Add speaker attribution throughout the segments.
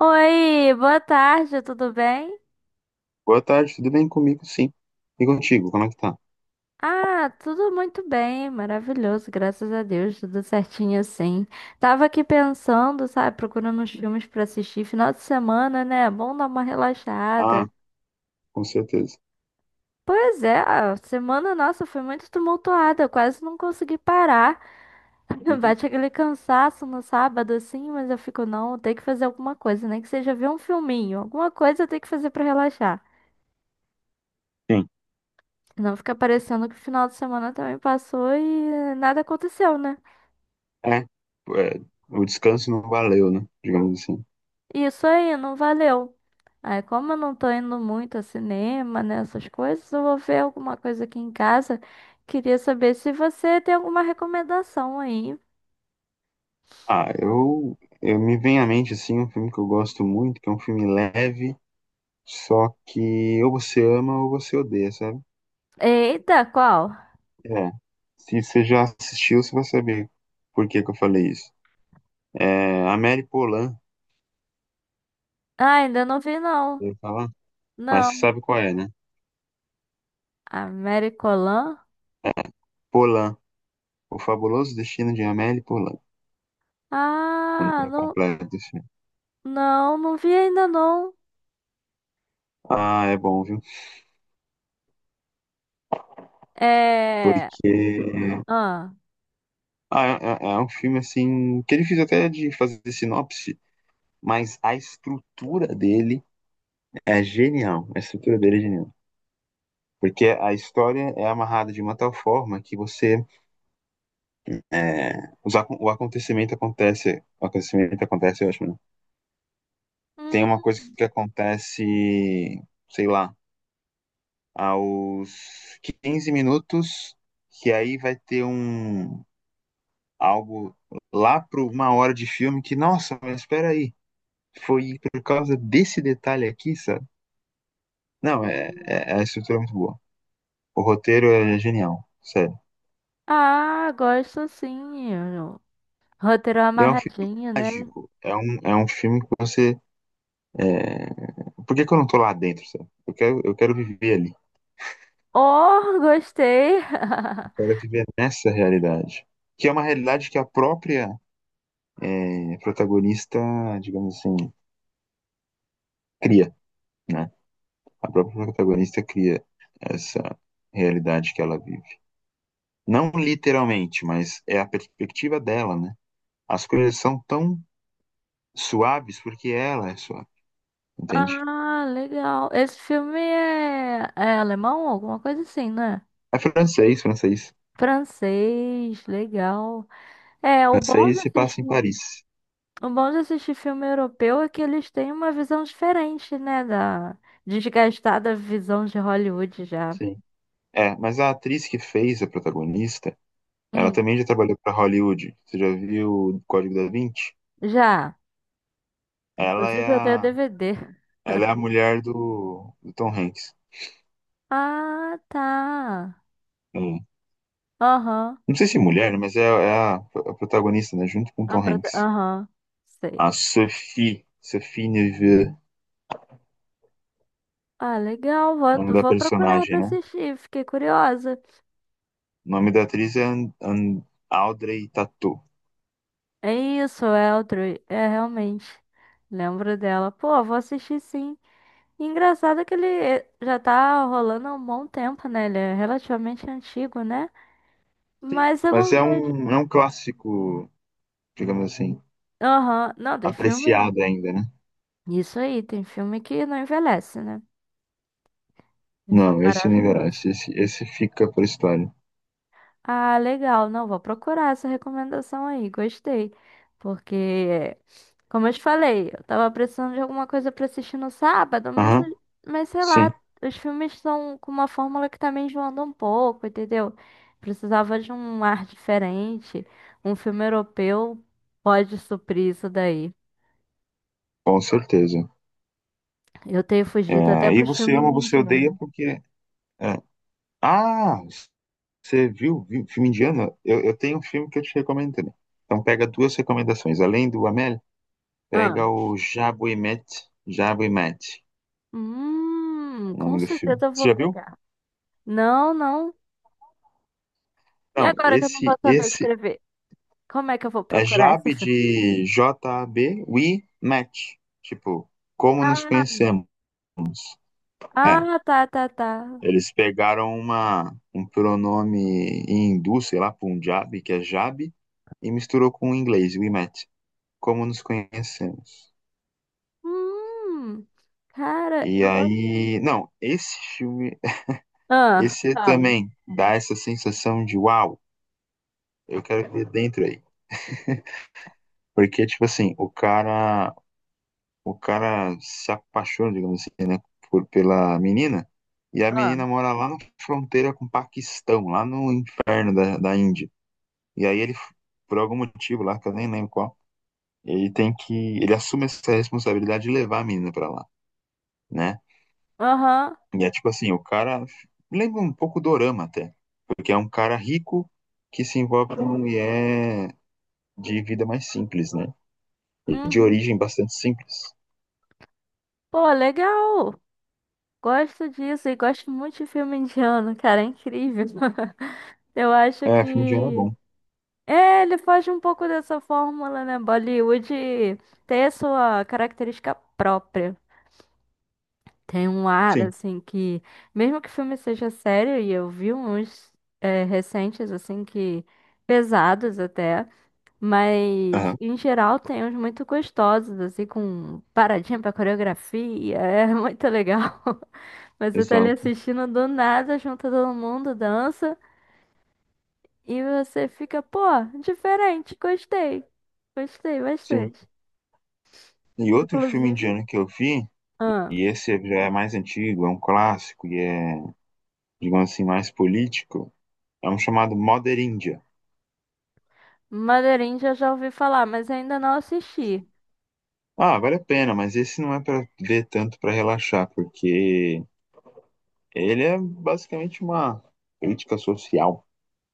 Speaker 1: Oi, boa tarde, tudo bem?
Speaker 2: Boa tarde, tudo bem comigo? Sim. E contigo, como é que tá?
Speaker 1: Ah, tudo muito bem, maravilhoso, graças a Deus, tudo certinho assim. Tava aqui pensando, sabe, procurando uns filmes pra assistir, final de semana, né? É bom dar uma relaxada.
Speaker 2: Ah, com certeza.
Speaker 1: Pois é, a semana nossa foi muito tumultuada, eu quase não consegui parar.
Speaker 2: Uhum.
Speaker 1: Bate aquele cansaço no sábado assim, mas eu fico, não, tem que fazer alguma coisa, nem que seja ver um filminho, alguma coisa eu tenho que fazer pra relaxar.
Speaker 2: Sim.
Speaker 1: Não fica parecendo que o final de semana também passou e nada aconteceu, né?
Speaker 2: É, o descanso não valeu, né? Digamos assim.
Speaker 1: Isso aí, não valeu. Aí, como eu não tô indo muito a cinema, né, essas coisas, eu vou ver alguma coisa aqui em casa. Queria saber se você tem alguma recomendação aí.
Speaker 2: Ah, eu me vem à mente, assim, um filme que eu gosto muito, que é um filme leve, só que ou você ama ou você odeia, sabe?
Speaker 1: Eita, qual?
Speaker 2: É. Se você já assistiu, você vai saber por que que eu falei isso. É, Amélie Poulain,
Speaker 1: Ah, ainda não vi, não.
Speaker 2: eu ia falar, mas você
Speaker 1: Não.
Speaker 2: sabe qual é, né?
Speaker 1: Americolan?
Speaker 2: Polan, O Fabuloso Destino de Amélie Poulain. Um
Speaker 1: Ah,
Speaker 2: nome
Speaker 1: não,
Speaker 2: completo, assim.
Speaker 1: não, não vi ainda, não.
Speaker 2: Ah, é bom, viu?
Speaker 1: É.
Speaker 2: Porque
Speaker 1: Ah.
Speaker 2: ah, é, é um filme assim que é difícil até de fazer sinopse, mas a estrutura dele é genial. A estrutura dele é genial. Porque a história é amarrada de uma tal forma que você é, o acontecimento acontece, eu acho, né? Tem uma coisa
Speaker 1: Hum.
Speaker 2: que acontece, sei lá, aos 15 minutos, que aí vai ter um algo lá para 1 hora de filme que, nossa, mas espera aí, foi por causa desse detalhe aqui, sabe? Não,
Speaker 1: Hum.
Speaker 2: a estrutura é muito boa. O roteiro é genial, sério.
Speaker 1: Ah, gosto sim. Roteiro
Speaker 2: E é um filme
Speaker 1: amarradinho, né?
Speaker 2: mágico. É um filme que você. É... Por que, que eu não tô lá dentro, sabe? Eu quero viver ali.
Speaker 1: Oh, gostei!
Speaker 2: Eu quero viver nessa realidade. Que é uma realidade que a própria protagonista, digamos assim, cria, né? A própria protagonista cria essa realidade que ela vive. Não literalmente, mas é a perspectiva dela, né? As coisas são tão suaves porque ela é suave, entende?
Speaker 1: Ah, legal. Esse filme é, é alemão, alguma coisa assim, né?
Speaker 2: É francês, francês.
Speaker 1: Francês, legal. É, o bom de
Speaker 2: Francês se passa em
Speaker 1: assistir,
Speaker 2: Paris.
Speaker 1: o bom de assistir filme europeu é que eles têm uma visão diferente, né? Da desgastada visão de Hollywood já.
Speaker 2: Sim. É, mas a atriz que fez a protagonista, ela
Speaker 1: Hum,
Speaker 2: também já trabalhou para Hollywood. Você já viu o Código da Vinci?
Speaker 1: já.
Speaker 2: Ela
Speaker 1: Inclusive
Speaker 2: é
Speaker 1: eu tenho
Speaker 2: a,
Speaker 1: DVD.
Speaker 2: ela é a mulher do Tom Hanks.
Speaker 1: Ah, tá.
Speaker 2: É.
Speaker 1: Aham.
Speaker 2: Não sei se é mulher, né, mas é a protagonista, né? Junto com o
Speaker 1: A
Speaker 2: Tom
Speaker 1: prota-
Speaker 2: Hanks.
Speaker 1: Aham. Sei.
Speaker 2: A Sophie Neveu,
Speaker 1: Ah, legal,
Speaker 2: o nome
Speaker 1: vou,
Speaker 2: da
Speaker 1: vou procurar
Speaker 2: personagem,
Speaker 1: pra
Speaker 2: né?
Speaker 1: assistir, fiquei curiosa.
Speaker 2: O nome da atriz é Audrey Tautou.
Speaker 1: É isso, Eltro, é realmente. Lembro dela. Pô, vou assistir sim. E engraçado que ele já tá rolando há um bom tempo, né? Ele é relativamente antigo, né?
Speaker 2: Sim.
Speaker 1: Mas eu
Speaker 2: Mas
Speaker 1: não vejo.
Speaker 2: é um clássico, digamos assim,
Speaker 1: Aham. Não, tem
Speaker 2: apreciado
Speaker 1: filme.
Speaker 2: ainda, né?
Speaker 1: Isso aí, tem filme que não envelhece, né? Tem filme
Speaker 2: Não, esse não
Speaker 1: maravilhoso.
Speaker 2: envelhece. Esse fica pra história.
Speaker 1: Ah, legal. Não, vou procurar essa recomendação aí. Gostei. Porque, como eu te falei, eu tava precisando de alguma coisa pra assistir no sábado,
Speaker 2: Aham,
Speaker 1: mas sei
Speaker 2: sim,
Speaker 1: lá, os filmes estão com uma fórmula que tá me enjoando um pouco, entendeu? Precisava de um ar diferente. Um filme europeu pode suprir isso daí.
Speaker 2: com certeza.
Speaker 1: Eu tenho fugido até
Speaker 2: É, e
Speaker 1: pros
Speaker 2: você
Speaker 1: filmes
Speaker 2: ama, você odeia
Speaker 1: indianos.
Speaker 2: porque. é. Ah, você viu filme indiano? Eu tenho um filme que eu te recomendo também. Então pega duas recomendações. Além do Amélie,
Speaker 1: Ah.
Speaker 2: pega o Jabu e Mete. Jabu e Mete, o
Speaker 1: Com
Speaker 2: nome do filme.
Speaker 1: certeza eu vou
Speaker 2: Você já viu?
Speaker 1: pegar. Não, não. E
Speaker 2: Não,
Speaker 1: agora que eu não vou
Speaker 2: esse,
Speaker 1: saber
Speaker 2: esse
Speaker 1: escrever? Como é que eu vou
Speaker 2: É
Speaker 1: procurar
Speaker 2: Jab
Speaker 1: esse filme?
Speaker 2: de JAB, we met. Tipo, como nos
Speaker 1: Ah,
Speaker 2: conhecemos. É,
Speaker 1: ah, tá, tá, tá.
Speaker 2: eles pegaram um pronome em hindu, sei lá, Punjabi, que é Jab, e misturou com o inglês, we met. Como nos conhecemos.
Speaker 1: Hum, cara,
Speaker 2: E
Speaker 1: eu gosto.
Speaker 2: aí, não, esse filme,
Speaker 1: Ah,
Speaker 2: esse
Speaker 1: fala.
Speaker 2: também dá essa sensação de uau, eu quero ver dentro aí. Porque, tipo assim, o cara se apaixona, digamos assim, né, por, pela menina, e a
Speaker 1: Ah,
Speaker 2: menina mora lá na fronteira com o Paquistão, lá no inferno da Índia. E aí ele, por algum motivo lá, que eu nem lembro qual, ele tem que, ele assume essa responsabilidade de levar a menina pra lá, né?
Speaker 1: aham,
Speaker 2: E é tipo assim, o cara lembra um pouco do Dorama até, porque é um cara rico que se envolve com uma mulher de vida mais simples, né? De
Speaker 1: uhum.
Speaker 2: origem bastante simples.
Speaker 1: Pô, legal. Gosto disso e gosto muito de filme indiano, cara, é incrível. Eu acho
Speaker 2: É, filme de ano é
Speaker 1: que.
Speaker 2: bom.
Speaker 1: É, ele foge um pouco dessa fórmula, né? Bollywood ter sua característica própria. Tem um ar,
Speaker 2: Sim,
Speaker 1: assim, que. Mesmo que o filme seja sério, e eu vi uns recentes, assim, que. Pesados até, mas
Speaker 2: aham,
Speaker 1: em geral tem uns muito gostosos, assim, com paradinha pra coreografia, é muito legal. Mas você tá ali
Speaker 2: exato.
Speaker 1: assistindo do nada, junta todo mundo, dança, e você fica, pô, diferente, gostei, gostei
Speaker 2: Sim.
Speaker 1: bastante.
Speaker 2: E outro filme
Speaker 1: Inclusive,
Speaker 2: indiano que eu vi,
Speaker 1: ah,
Speaker 2: e esse já é mais antigo, é um clássico e é, digamos assim, mais político, é um chamado Mother India.
Speaker 1: Madeirinha já já ouvi falar, mas ainda não assisti.
Speaker 2: Ah, vale a pena, mas esse não é para ver tanto para relaxar, porque ele é basicamente uma crítica social,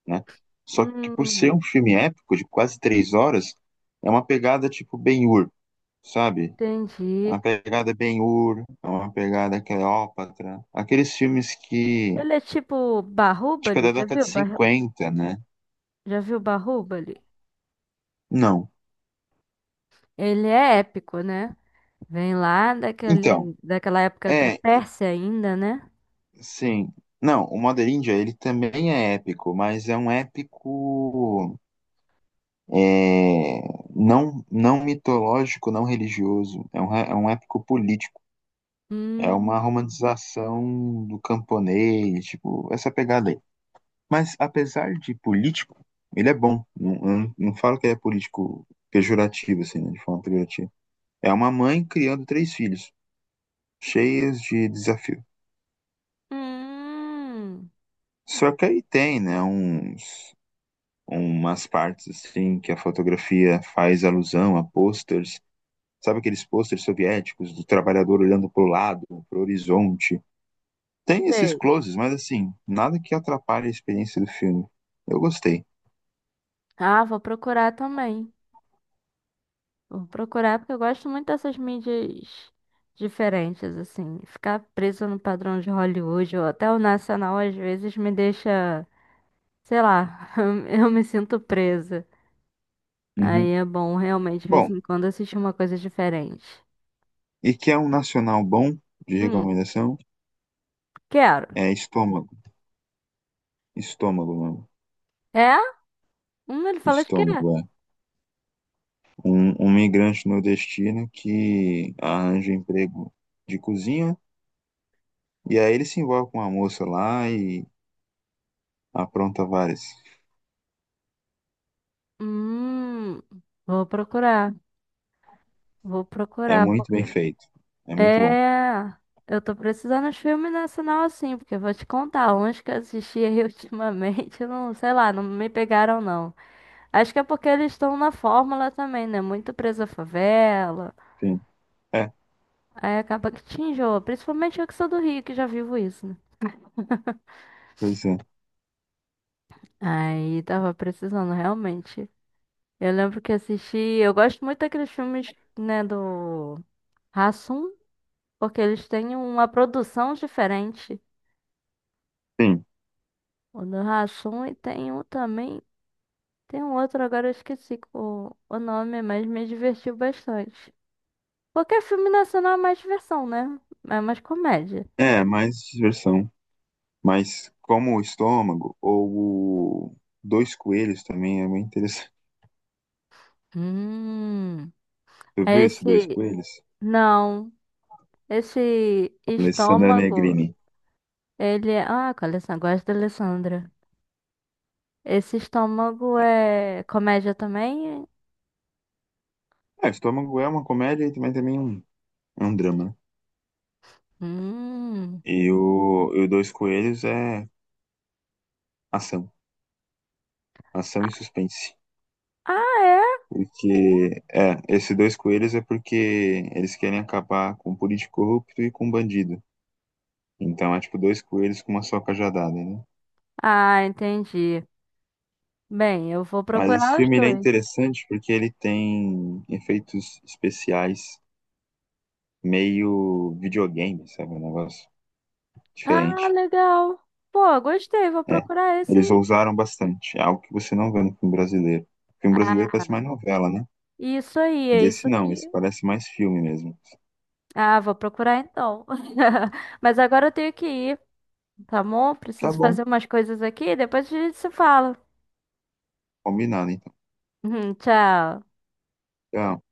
Speaker 2: né? Só que por ser
Speaker 1: Hum.
Speaker 2: um filme épico de quase 3 horas, é uma pegada tipo Ben-Hur, sabe? É
Speaker 1: Entendi.
Speaker 2: uma pegada Ben-Hur, é uma pegada Cleópatra, aqueles filmes que,
Speaker 1: Ele é tipo
Speaker 2: tipo, é
Speaker 1: Barrúbali,
Speaker 2: da
Speaker 1: já
Speaker 2: década
Speaker 1: viu?
Speaker 2: de
Speaker 1: Barru-
Speaker 2: 50, né?
Speaker 1: Já viu Barrúbali?
Speaker 2: Não.
Speaker 1: Ele é épico, né? Vem lá
Speaker 2: Então,
Speaker 1: daquele, daquela época da
Speaker 2: é,
Speaker 1: Pérsia ainda, né?
Speaker 2: sim. Não, o Mother India, ele também é épico, mas é um épico é, não, não mitológico, não religioso. É um épico político. É
Speaker 1: Hum,
Speaker 2: uma romantização do camponês, tipo, essa pegada aí. Mas apesar de político, ele é bom. Não, eu não, não falo que ele é político pejorativo, assim, né, de forma pejorativa. É uma mãe criando três filhos, cheias de desafio.
Speaker 1: hum,
Speaker 2: Só que aí tem, né, uns umas partes assim que a fotografia faz alusão a posters, sabe aqueles posters soviéticos do trabalhador olhando para o lado, para o horizonte, tem esses
Speaker 1: sei.
Speaker 2: closes, mas assim, nada que atrapalhe a experiência do filme. Eu gostei.
Speaker 1: Ah, vou procurar também. Vou procurar porque eu gosto muito dessas mídias diferentes, assim. Ficar preso no padrão de Hollywood ou até o nacional às vezes me deixa, sei lá, eu me sinto presa. Aí
Speaker 2: Uhum.
Speaker 1: é bom realmente, de vez
Speaker 2: Bom,
Speaker 1: em quando, assistir uma coisa diferente.
Speaker 2: e que é um nacional bom de
Speaker 1: Hum,
Speaker 2: recomendação?
Speaker 1: quero.
Speaker 2: É Estômago. Estômago, mano.
Speaker 1: É? Ele fala de quê?
Speaker 2: Estômago, é. Um migrante nordestino que arranja um emprego de cozinha e aí ele se envolve com uma moça lá e apronta várias.
Speaker 1: Hum, vou procurar. Vou
Speaker 2: É
Speaker 1: procurar,
Speaker 2: muito
Speaker 1: porque.
Speaker 2: bem feito. É muito bom.
Speaker 1: É. Eu tô precisando de filme nacional assim, porque eu vou te contar, uns que eu assisti aí ultimamente, eu não, sei lá, não me pegaram não. Acho que é porque eles estão na fórmula também, né? Muito preso à favela.
Speaker 2: Sim. É,
Speaker 1: Aí acaba que te enjoa, principalmente eu que sou do Rio, que já vivo isso, né?
Speaker 2: pois é.
Speaker 1: Aí tava precisando realmente. Eu lembro que assisti. Eu gosto muito daqueles filmes, né, do Hassum, porque eles têm uma produção diferente.
Speaker 2: Sim.
Speaker 1: O do Hassum e tem um também. Tem um outro, agora eu esqueci o nome, mas me divertiu bastante. Porque é filme nacional é mais diversão, né? É mais comédia.
Speaker 2: É, mais diversão. Mas como o estômago ou o Dois Coelhos também é muito interessante.
Speaker 1: Hum.
Speaker 2: Tu
Speaker 1: É
Speaker 2: viu esse Dois
Speaker 1: esse.
Speaker 2: Coelhos?
Speaker 1: Não. Esse
Speaker 2: Alessandra
Speaker 1: estômago.
Speaker 2: Negrini.
Speaker 1: Ele é. Ah, com a Alessandra. Gosto da Alessandra. Esse estômago é comédia também?
Speaker 2: É, o estômago é uma comédia e também um, é um drama. Né?
Speaker 1: Hum.
Speaker 2: E o Dois Coelhos é ação. Ação e suspense.
Speaker 1: Ah, é?
Speaker 2: Porque, é, esses dois coelhos é porque eles querem acabar com um político corrupto e com um bandido. Então é tipo dois coelhos com uma só cajadada, né?
Speaker 1: Ah, entendi. Bem, eu vou
Speaker 2: Mas esse
Speaker 1: procurar os
Speaker 2: filme ele é
Speaker 1: dois.
Speaker 2: interessante porque ele tem efeitos especiais meio videogame, sabe? Um negócio
Speaker 1: Ah,
Speaker 2: diferente.
Speaker 1: legal. Pô, gostei, vou
Speaker 2: É,
Speaker 1: procurar esse
Speaker 2: eles
Speaker 1: aí.
Speaker 2: ousaram bastante. É algo que você não vê no filme brasileiro. O filme brasileiro
Speaker 1: Ah,
Speaker 2: parece mais novela, né?
Speaker 1: isso aí, é
Speaker 2: E
Speaker 1: isso
Speaker 2: esse
Speaker 1: aqui.
Speaker 2: não, esse parece mais filme mesmo.
Speaker 1: Ah, vou procurar então. Mas agora eu tenho que ir, tá bom?
Speaker 2: Tá
Speaker 1: Preciso
Speaker 2: bom,
Speaker 1: fazer umas coisas aqui, depois a gente se fala.
Speaker 2: combinado então.
Speaker 1: Tchau.
Speaker 2: Tchau.